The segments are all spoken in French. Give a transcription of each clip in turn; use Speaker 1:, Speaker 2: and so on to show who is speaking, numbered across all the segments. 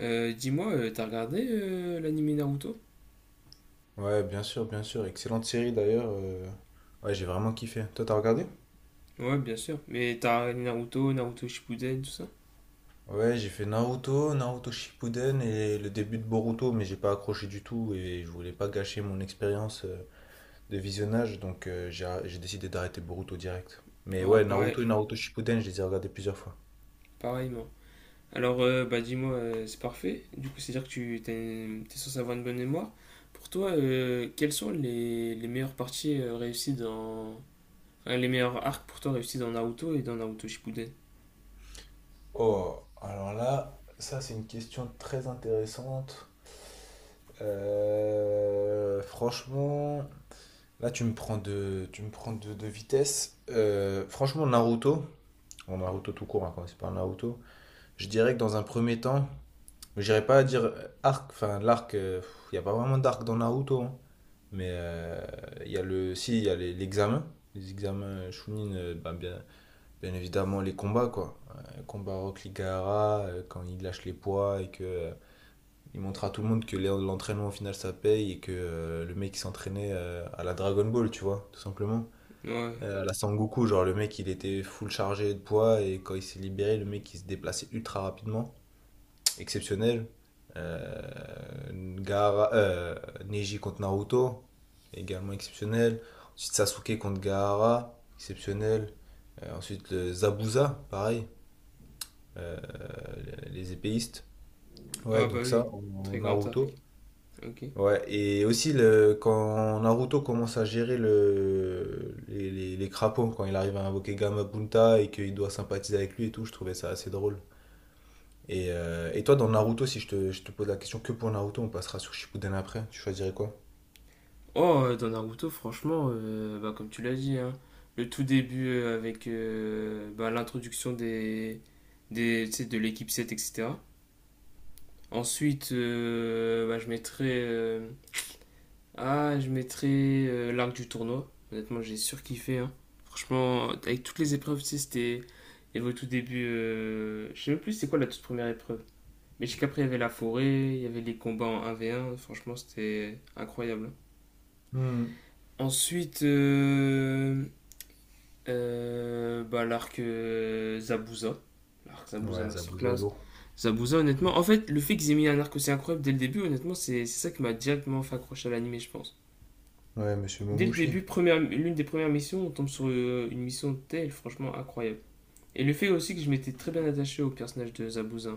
Speaker 1: T'as regardé l'animé Naruto?
Speaker 2: Ouais, bien sûr, bien sûr. Excellente série d'ailleurs. Ouais, j'ai vraiment kiffé. Toi, t'as regardé?
Speaker 1: Ouais, bien sûr. Mais t'as regardé Naruto, Naruto Shippuden, tout ça?
Speaker 2: Ouais, j'ai fait Naruto, Naruto Shippuden et le début de Boruto, mais j'ai pas accroché du tout et je voulais pas gâcher mon expérience de visionnage, donc j'ai décidé d'arrêter Boruto direct. Mais
Speaker 1: Ah,
Speaker 2: ouais,
Speaker 1: pareil,
Speaker 2: Naruto et Naruto Shippuden, je les ai regardés plusieurs fois.
Speaker 1: pareillement. Alors, bah dis-moi, c'est parfait. Du coup, c'est-à-dire que t'es censé avoir une bonne mémoire. Pour toi, quelles sont les meilleures parties réussies dans... enfin, les meilleurs arcs pour toi réussis dans Naruto et dans Naruto Shippuden?
Speaker 2: Oh, alors là, ça c'est une question très intéressante. Franchement, là tu me prends de, tu me prends de vitesse. Franchement, Naruto, bon, Naruto tout court, hein, quand c'est pas Naruto, je dirais que dans un premier temps, mais j'irais pas dire arc, enfin l'arc, il n'y a pas vraiment d'arc dans Naruto, hein. Mais il y a le, si, il y a les- l'examen, les examens Chunin, bah, bien, bien évidemment, les combats, quoi. Combat Rock Ligara, quand il lâche les poids et que il montre à tout le monde que l'entraînement au final ça paye et que le mec il s'entraînait à la Dragon Ball, tu vois, tout simplement.
Speaker 1: Ouais.
Speaker 2: À la Sangoku, genre le mec il était full chargé de poids et quand il s'est libéré, le mec il se déplaçait ultra rapidement, exceptionnel. Euh, Gaara- euh, Neji contre Naruto, également exceptionnel. Ensuite Sasuke contre Gaara, exceptionnel. Ensuite le Zabuza, pareil euh, les épéistes. Ouais,
Speaker 1: Ah bah
Speaker 2: donc
Speaker 1: oui,
Speaker 2: ça, en
Speaker 1: très grand arc.
Speaker 2: Naruto.
Speaker 1: Ok.
Speaker 2: Ouais, et aussi le, quand Naruto commence à gérer les crapauds, quand il arrive à invoquer Gamabunta et qu'il doit sympathiser avec lui et tout, je trouvais ça assez drôle. Et toi, dans Naruto, si je te pose la question que pour Naruto, on passera sur Shippuden après, tu choisirais quoi?
Speaker 1: Oh, dans Naruto, franchement, bah, comme tu l'as dit, hein, le tout début avec bah, l'introduction tu sais, de l'équipe 7, etc. Ensuite, bah, je mettrais l'arc du tournoi. Honnêtement, j'ai surkiffé, hein. Franchement, avec toutes les épreuves, tu sais, c'était. Il y avait au tout début, je sais même plus c'est quoi la toute première épreuve. Mais jusqu'après, il y avait la forêt, il y avait les combats en un v un. Franchement, c'était incroyable, hein.
Speaker 2: Hmm.
Speaker 1: Ensuite, bah, l'arc Zabuza. L'arc Zabuza
Speaker 2: Ouais, Zabuza
Speaker 1: Masterclass.
Speaker 2: lourd.
Speaker 1: Zabuza, honnêtement, en fait, le fait qu'ils aient mis un arc aussi incroyable dès le début, honnêtement, c'est ça qui m'a directement fait accrocher à l'animé, je pense.
Speaker 2: Ouais, Monsieur
Speaker 1: Dès le
Speaker 2: Momoshi.
Speaker 1: début, première, l'une des premières missions, on tombe sur une mission de telle, franchement incroyable. Et le fait aussi que je m'étais très bien attaché au personnage de Zabuza.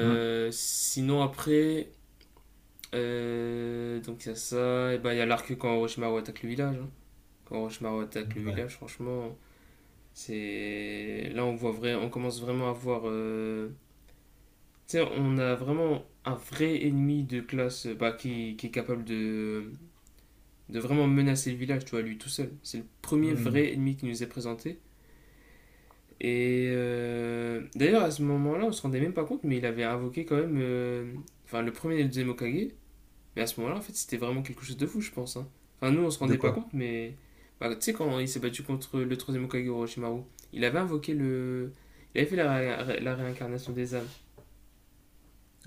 Speaker 2: Hmm.
Speaker 1: Sinon, après, donc il y a ça, et bah, il y a l'arc quand Orochimaru attaque le village, hein. Quand Orochimaru attaque le
Speaker 2: Ouais.
Speaker 1: village, franchement, c'est là on voit vrai, on commence vraiment à voir. Tu sais, on a vraiment un vrai ennemi de classe bah, qui est capable de vraiment menacer le village, tu vois, lui tout seul. C'est le premier
Speaker 2: Hmm.
Speaker 1: vrai ennemi qui nous est présenté. Et d'ailleurs à ce moment-là, on se rendait même pas compte, mais il avait invoqué quand même, enfin le premier et le deuxième Hokage. Mais à ce moment-là, en fait, c'était vraiment quelque chose de fou, je pense, hein. Enfin, nous, on se
Speaker 2: De
Speaker 1: rendait pas
Speaker 2: quoi?
Speaker 1: compte, mais. Bah, tu sais, quand il s'est battu contre le troisième Hokage Orochimaru, il avait invoqué le. Il avait fait la réincarnation des âmes.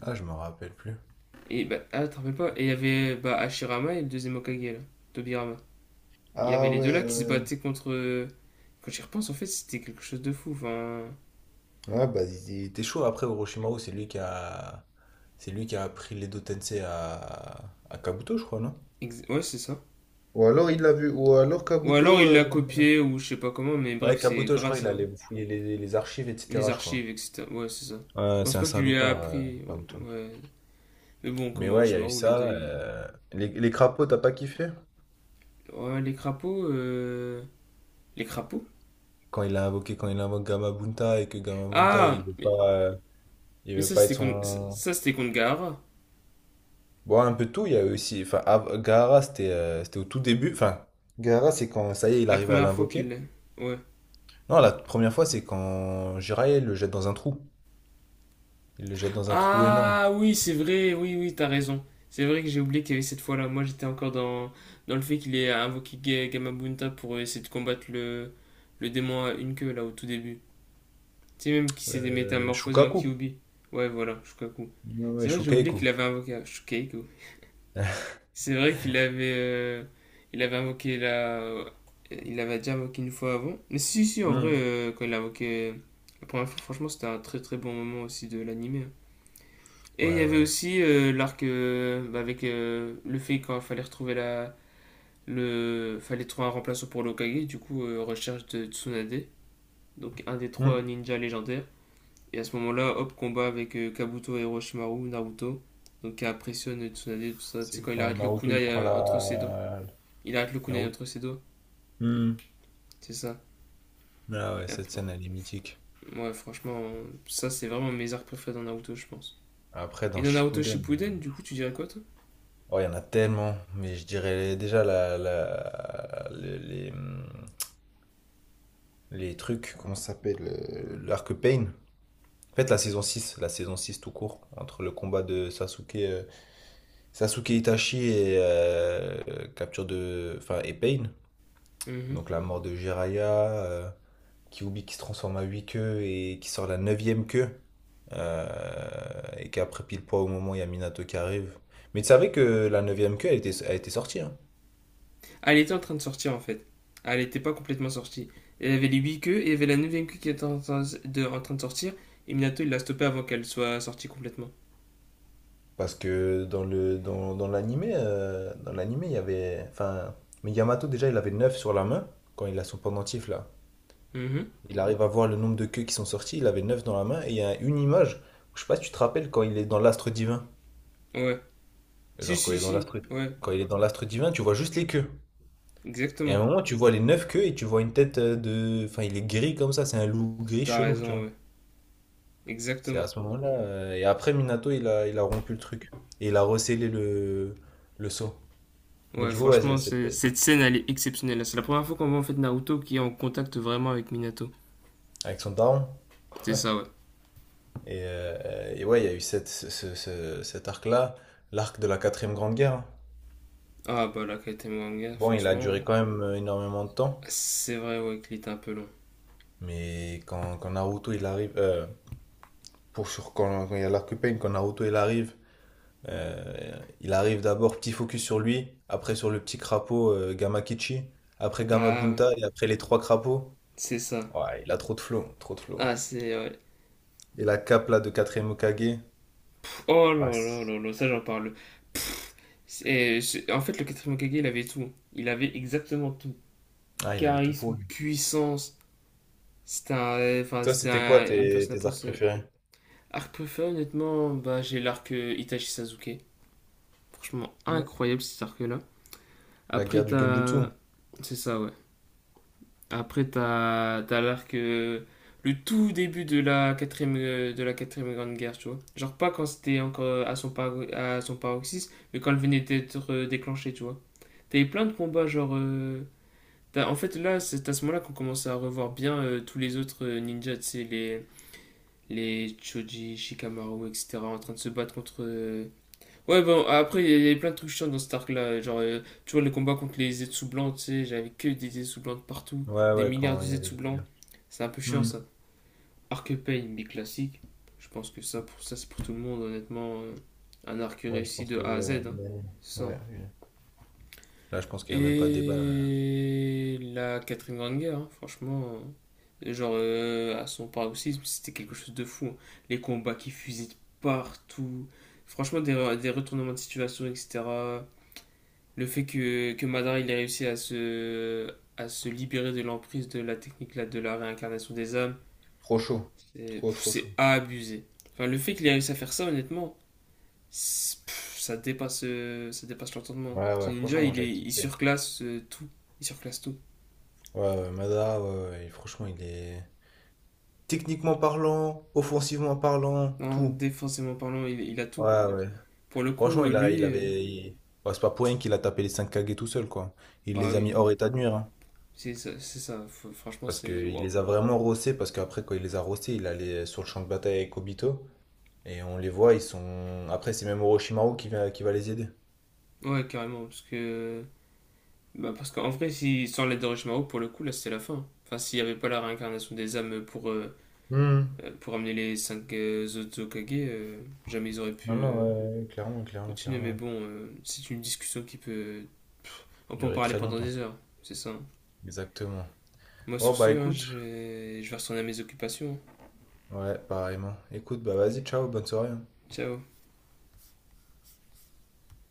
Speaker 2: Ah, je me rappelle plus.
Speaker 1: Et bah, ah, te rappelles pas Et il y avait bah, Hashirama et le deuxième Hokage, là, Tobirama. Il y avait
Speaker 2: Ah
Speaker 1: les deux là
Speaker 2: ouais,
Speaker 1: qui se
Speaker 2: ouais.
Speaker 1: battaient contre. Quand j'y repense, en fait, c'était quelque chose de fou. Enfin.
Speaker 2: Ouais, bah, il était chaud. Après, Orochimaru, c'est lui qui a... C'est lui qui a appris l'Edo Tensei à Kabuto, je crois, non?
Speaker 1: Ouais, c'est ça.
Speaker 2: Ou alors il l'a vu, ou alors
Speaker 1: Ou alors
Speaker 2: Kabuto.
Speaker 1: il l'a copié, ou je sais pas comment, mais bref,
Speaker 2: Ouais,
Speaker 1: c'est
Speaker 2: Kabuto, je crois,
Speaker 1: grâce
Speaker 2: il
Speaker 1: à
Speaker 2: allait fouiller les archives,
Speaker 1: les
Speaker 2: etc., je crois.
Speaker 1: archives, etc. Ouais, c'est ça. Je
Speaker 2: Ouais,
Speaker 1: pense
Speaker 2: c'est un
Speaker 1: pas qu'il lui a
Speaker 2: salopard,
Speaker 1: appris.
Speaker 2: Kabuto.
Speaker 1: Ouais, mais bon,
Speaker 2: Mais
Speaker 1: comme
Speaker 2: ouais, il y a eu
Speaker 1: Orochimaru, les deux.
Speaker 2: ça.
Speaker 1: Ils-
Speaker 2: Les crapauds, t'as pas kiffé?
Speaker 1: Ouais, les crapauds. Les crapauds
Speaker 2: Quand il a invoqué, quand il invoque Gamabunta et que Gamabunta,
Speaker 1: Ah Mais,
Speaker 2: il
Speaker 1: mais
Speaker 2: veut pas être son,
Speaker 1: ça, c'était contre Gaara.
Speaker 2: bon, un peu de tout, il y a eu aussi. Enfin, Gaara, c'était c'était au tout début. Enfin, Gaara, c'est quand ça y est, il
Speaker 1: La
Speaker 2: arrivait à
Speaker 1: première fois
Speaker 2: l'invoquer.
Speaker 1: qu'il. Ouais.
Speaker 2: Non, la première fois, c'est quand Jiraiya le jette dans un trou. Il le jette dans un trou énorme.
Speaker 1: Ah oui, c'est vrai, oui, oui, t'as raison. C'est vrai que j'ai oublié qu'il y avait cette fois-là. Moi, j'étais encore dans, dans le fait qu'il ait invoqué Gamabunta pour essayer de combattre le démon à une queue, là, au tout début. Tu sais, même qu'il s'était métamorphosé en
Speaker 2: Shukaku.
Speaker 1: Kyubi. Ouais, voilà, Shukaku.
Speaker 2: Ouais, ouais,
Speaker 1: C'est vrai que j'ai oublié
Speaker 2: Shukaiku.
Speaker 1: qu'il avait invoqué Shukaku. C'est vrai qu'il avait, il avait invoqué la. Il l'avait déjà invoqué une fois avant. Mais si, si, en vrai,
Speaker 2: Hmm.
Speaker 1: quand il l'a invoqué la première fois, franchement, c'était un très très bon moment aussi de l'animé, hein. Et il y
Speaker 2: Ouais,
Speaker 1: avait
Speaker 2: ouais.
Speaker 1: aussi l'arc bah, avec le fait qu'il fallait retrouver la. Le... Fallait trouver un remplaçant pour l'Okage, du coup, recherche de Tsunade, donc un des
Speaker 2: Hmm.
Speaker 1: trois ninjas légendaires. Et à ce moment-là, hop, combat avec Kabuto et Orochimaru, Naruto. Donc qui impressionne Tsunade, tout ça. Tu sais,
Speaker 2: C'est
Speaker 1: quand il
Speaker 2: quand
Speaker 1: arrête le
Speaker 2: Naruto, il
Speaker 1: kunai
Speaker 2: prend
Speaker 1: entre ses dents.
Speaker 2: la.
Speaker 1: Il arrête le kunai
Speaker 2: Naruto.
Speaker 1: entre ses doigts.
Speaker 2: Hmm.
Speaker 1: C'est ça.
Speaker 2: Ah ouais,
Speaker 1: Et
Speaker 2: cette
Speaker 1: après-
Speaker 2: scène, elle est mythique.
Speaker 1: ouais, franchement, ça c'est vraiment mes arcs préférés dans Naruto, je pense.
Speaker 2: Après,
Speaker 1: Et
Speaker 2: dans
Speaker 1: dans Naruto
Speaker 2: Shippuden,
Speaker 1: Shippuden, du coup, tu dirais quoi, toi?
Speaker 2: oh, il y en a tellement. Mais je dirais déjà hmm, les trucs, comment ça s'appelle l'arc Pain. En fait, la saison 6 tout court, entre le combat de Sasuke, Sasuke Itachi et capture de, enfin, et Pain.
Speaker 1: Mhm.
Speaker 2: Donc la mort de Jiraiya, Kyuubi qui se transforme à 8 queues et qui sort la neuvième queue. Et qu'après pile poids au moment où il y a Minato qui arrive. Mais tu savais que la neuvième queue, elle était sortie, hein.
Speaker 1: Ah, elle était en train de sortir en fait. Ah, elle était pas complètement sortie. Elle avait les 8 queues et il y avait la neuvième queue qui était en train en train de sortir. Et Minato il l'a stoppée avant qu'elle soit sortie complètement.
Speaker 2: Parce que dans l'animé, il y avait. Enfin, mais Yamato déjà, il avait 9 sur la main quand il a son pendentif là.
Speaker 1: Mhm.
Speaker 2: Il arrive à voir le nombre de queues qui sont sorties, il avait 9 dans la main et il y a une image. Je sais pas si tu te rappelles quand il est dans l'astre divin.
Speaker 1: Ouais. Si,
Speaker 2: Genre quand
Speaker 1: si,
Speaker 2: il est dans
Speaker 1: si.
Speaker 2: l'astre
Speaker 1: Ouais,
Speaker 2: Quand il est dans l'astre divin, tu vois juste les queues. Et à
Speaker 1: exactement.
Speaker 2: un moment, tu vois les 9 queues et tu vois une tête de. Enfin, il est gris comme ça, c'est un loup gris
Speaker 1: T'as
Speaker 2: chelou, tu
Speaker 1: raison,
Speaker 2: vois.
Speaker 1: ouais.
Speaker 2: C'est à
Speaker 1: Exactement.
Speaker 2: ce moment-là. Et après, Minato, il a rompu le truc. Et il a rescellé le sceau. Mais
Speaker 1: Ouais,
Speaker 2: du coup, ouais, il y a
Speaker 1: franchement,
Speaker 2: cette,
Speaker 1: c'est- cette scène elle est exceptionnelle. C'est la première fois qu'on voit en fait Naruto qui est en contact vraiment avec Minato.
Speaker 2: avec son down.
Speaker 1: C'est ça, ouais.
Speaker 2: Et ouais, il y a eu cette, ce- ce- ce- cet arc-là, l'arc de la quatrième grande guerre. Hein.
Speaker 1: Ah bah la quête Mwanga,
Speaker 2: Bon, il a
Speaker 1: franchement,
Speaker 2: duré quand même énormément de temps,
Speaker 1: c'est vrai ouais qu'il était un peu long.
Speaker 2: mais quand Naruto il arrive, pour sur, quand il y a l'arc Pain, quand Naruto il arrive d'abord petit focus sur lui, après sur le petit crapaud Gamakichi, après
Speaker 1: Ah ouais,
Speaker 2: Gamabunta et après les 3 crapauds.
Speaker 1: c'est ça.
Speaker 2: Ouais, il a trop de flow, trop de flow.
Speaker 1: Ah c'est ouais.
Speaker 2: Et la cape là de quatrième Hokage,
Speaker 1: Oh
Speaker 2: ah,
Speaker 1: là là
Speaker 2: c'est-
Speaker 1: là là, ça j'en parle. Et c'est- en fait le quatrième Hokage il avait tout. Il avait exactement tout.
Speaker 2: ah, il avait tout pour
Speaker 1: Charisme,
Speaker 2: lui.
Speaker 1: puissance. C'était un, enfin
Speaker 2: Toi,
Speaker 1: c'était
Speaker 2: c'était quoi
Speaker 1: un- une personne
Speaker 2: tes
Speaker 1: après.
Speaker 2: arcs
Speaker 1: Ce-
Speaker 2: préférés?
Speaker 1: arc préféré honnêtement, bah j'ai l'arc Itachi Sasuke. Franchement incroyable cet arc là.
Speaker 2: La
Speaker 1: Après
Speaker 2: guerre du Genjutsu.
Speaker 1: t'as, c'est ça ouais. Après, t'as l'arc, le tout début de la quatrième grande guerre, tu vois. Genre pas quand c'était encore à son, à son paroxysme, mais quand elle venait d'être déclenchée, tu vois. T'avais plein de combats, genre... t'as- en fait, là, c'est à ce moment-là qu'on commence à revoir bien tous les autres ninjas, tu sais, les Choji, Shikamaru, etc., en train de se battre contre... ouais, bon, après, il y a- il y avait plein de trucs chiants dans cet arc-là. Genre, tu vois, le combat contre les Zetsu blancs, tu sais, j'avais que des Zetsu blancs partout,
Speaker 2: Ouais,
Speaker 1: des
Speaker 2: ouais,
Speaker 1: milliards
Speaker 2: quand
Speaker 1: de
Speaker 2: il y avait
Speaker 1: Zetsu
Speaker 2: les
Speaker 1: blancs.
Speaker 2: liens.
Speaker 1: C'est un peu chiant,
Speaker 2: Hmm.
Speaker 1: ça. Arc Pain, mais classique. Je pense que ça, pour ça, c'est pour tout le monde, honnêtement. Un arc
Speaker 2: Ouais, je
Speaker 1: réussi
Speaker 2: pense
Speaker 1: de
Speaker 2: que
Speaker 1: A à Z,
Speaker 2: ouais,
Speaker 1: hein.
Speaker 2: une année.
Speaker 1: C'est ça.
Speaker 2: Ouais, une- là, je pense qu'il n'y a même pas de débat. Là.
Speaker 1: Et la quatrième grande guerre, hein, franchement. Genre, à son paroxysme, c'était quelque chose de fou, hein. Les combats qui fusaient de partout. Franchement, des retournements de situation, etc. Le fait que Madara il a réussi à se libérer de l'emprise de la technique là, de la réincarnation des âmes,
Speaker 2: Trop chaud.
Speaker 1: c'est
Speaker 2: Trop
Speaker 1: pff,
Speaker 2: trop chaud.
Speaker 1: c'est abusé. Enfin, le fait qu'il ait réussi à faire ça, honnêtement, pff, ça dépasse l'entendement.
Speaker 2: Ouais,
Speaker 1: Ce
Speaker 2: ouais,
Speaker 1: ninja,
Speaker 2: franchement, j'avais
Speaker 1: il
Speaker 2: kiffé.
Speaker 1: surclasse tout. Il surclasse tout.
Speaker 2: Ouais, ouais, Mada, ouais, ouais, et franchement, il est... Techniquement parlant, offensivement parlant,
Speaker 1: Non,
Speaker 2: tout.
Speaker 1: défensivement parlant, il a tout.
Speaker 2: Ouais, ouais.
Speaker 1: Pour le coup,
Speaker 2: Franchement, il
Speaker 1: lui,
Speaker 2: avait... il- ouais, c'est pas pour rien qu'il a tapé les 5 Kage tout seul, quoi. Il
Speaker 1: ah
Speaker 2: les a
Speaker 1: oui,
Speaker 2: mis hors état de nuire, hein.
Speaker 1: c'est ça. C'est ça. F- franchement,
Speaker 2: Parce
Speaker 1: c'est
Speaker 2: qu'il
Speaker 1: waouh.
Speaker 2: les a vraiment rossés, parce qu'après, quand il les a rossés, il allait sur le champ de bataille avec Obito. Et on les voit, ils sont. Après, c'est même Orochimaru qui va les aider.
Speaker 1: Ouais, carrément, parce que bah parce qu'en vrai, si, sans l'aide d'Orochimaru, pour le coup, là, c'était la fin. Enfin, s'il n'y avait pas la réincarnation des âmes
Speaker 2: Hmm.
Speaker 1: pour amener les 5 autres Hokage, jamais ils auraient pu
Speaker 2: Non, non, ouais, clairement, clairement,
Speaker 1: continuer. Mais
Speaker 2: clairement.
Speaker 1: bon, c'est une discussion qui peut... On peut en
Speaker 2: Durer
Speaker 1: parler
Speaker 2: très
Speaker 1: pendant
Speaker 2: longtemps.
Speaker 1: des heures, c'est ça, hein.
Speaker 2: Exactement.
Speaker 1: Moi,
Speaker 2: Oh
Speaker 1: sur ce,
Speaker 2: bah
Speaker 1: hein,
Speaker 2: écoute.
Speaker 1: je vais retourner à mes occupations.
Speaker 2: Ouais, pareillement. Écoute, bah vas-y, ciao, bonne soirée. Hein.
Speaker 1: Ciao.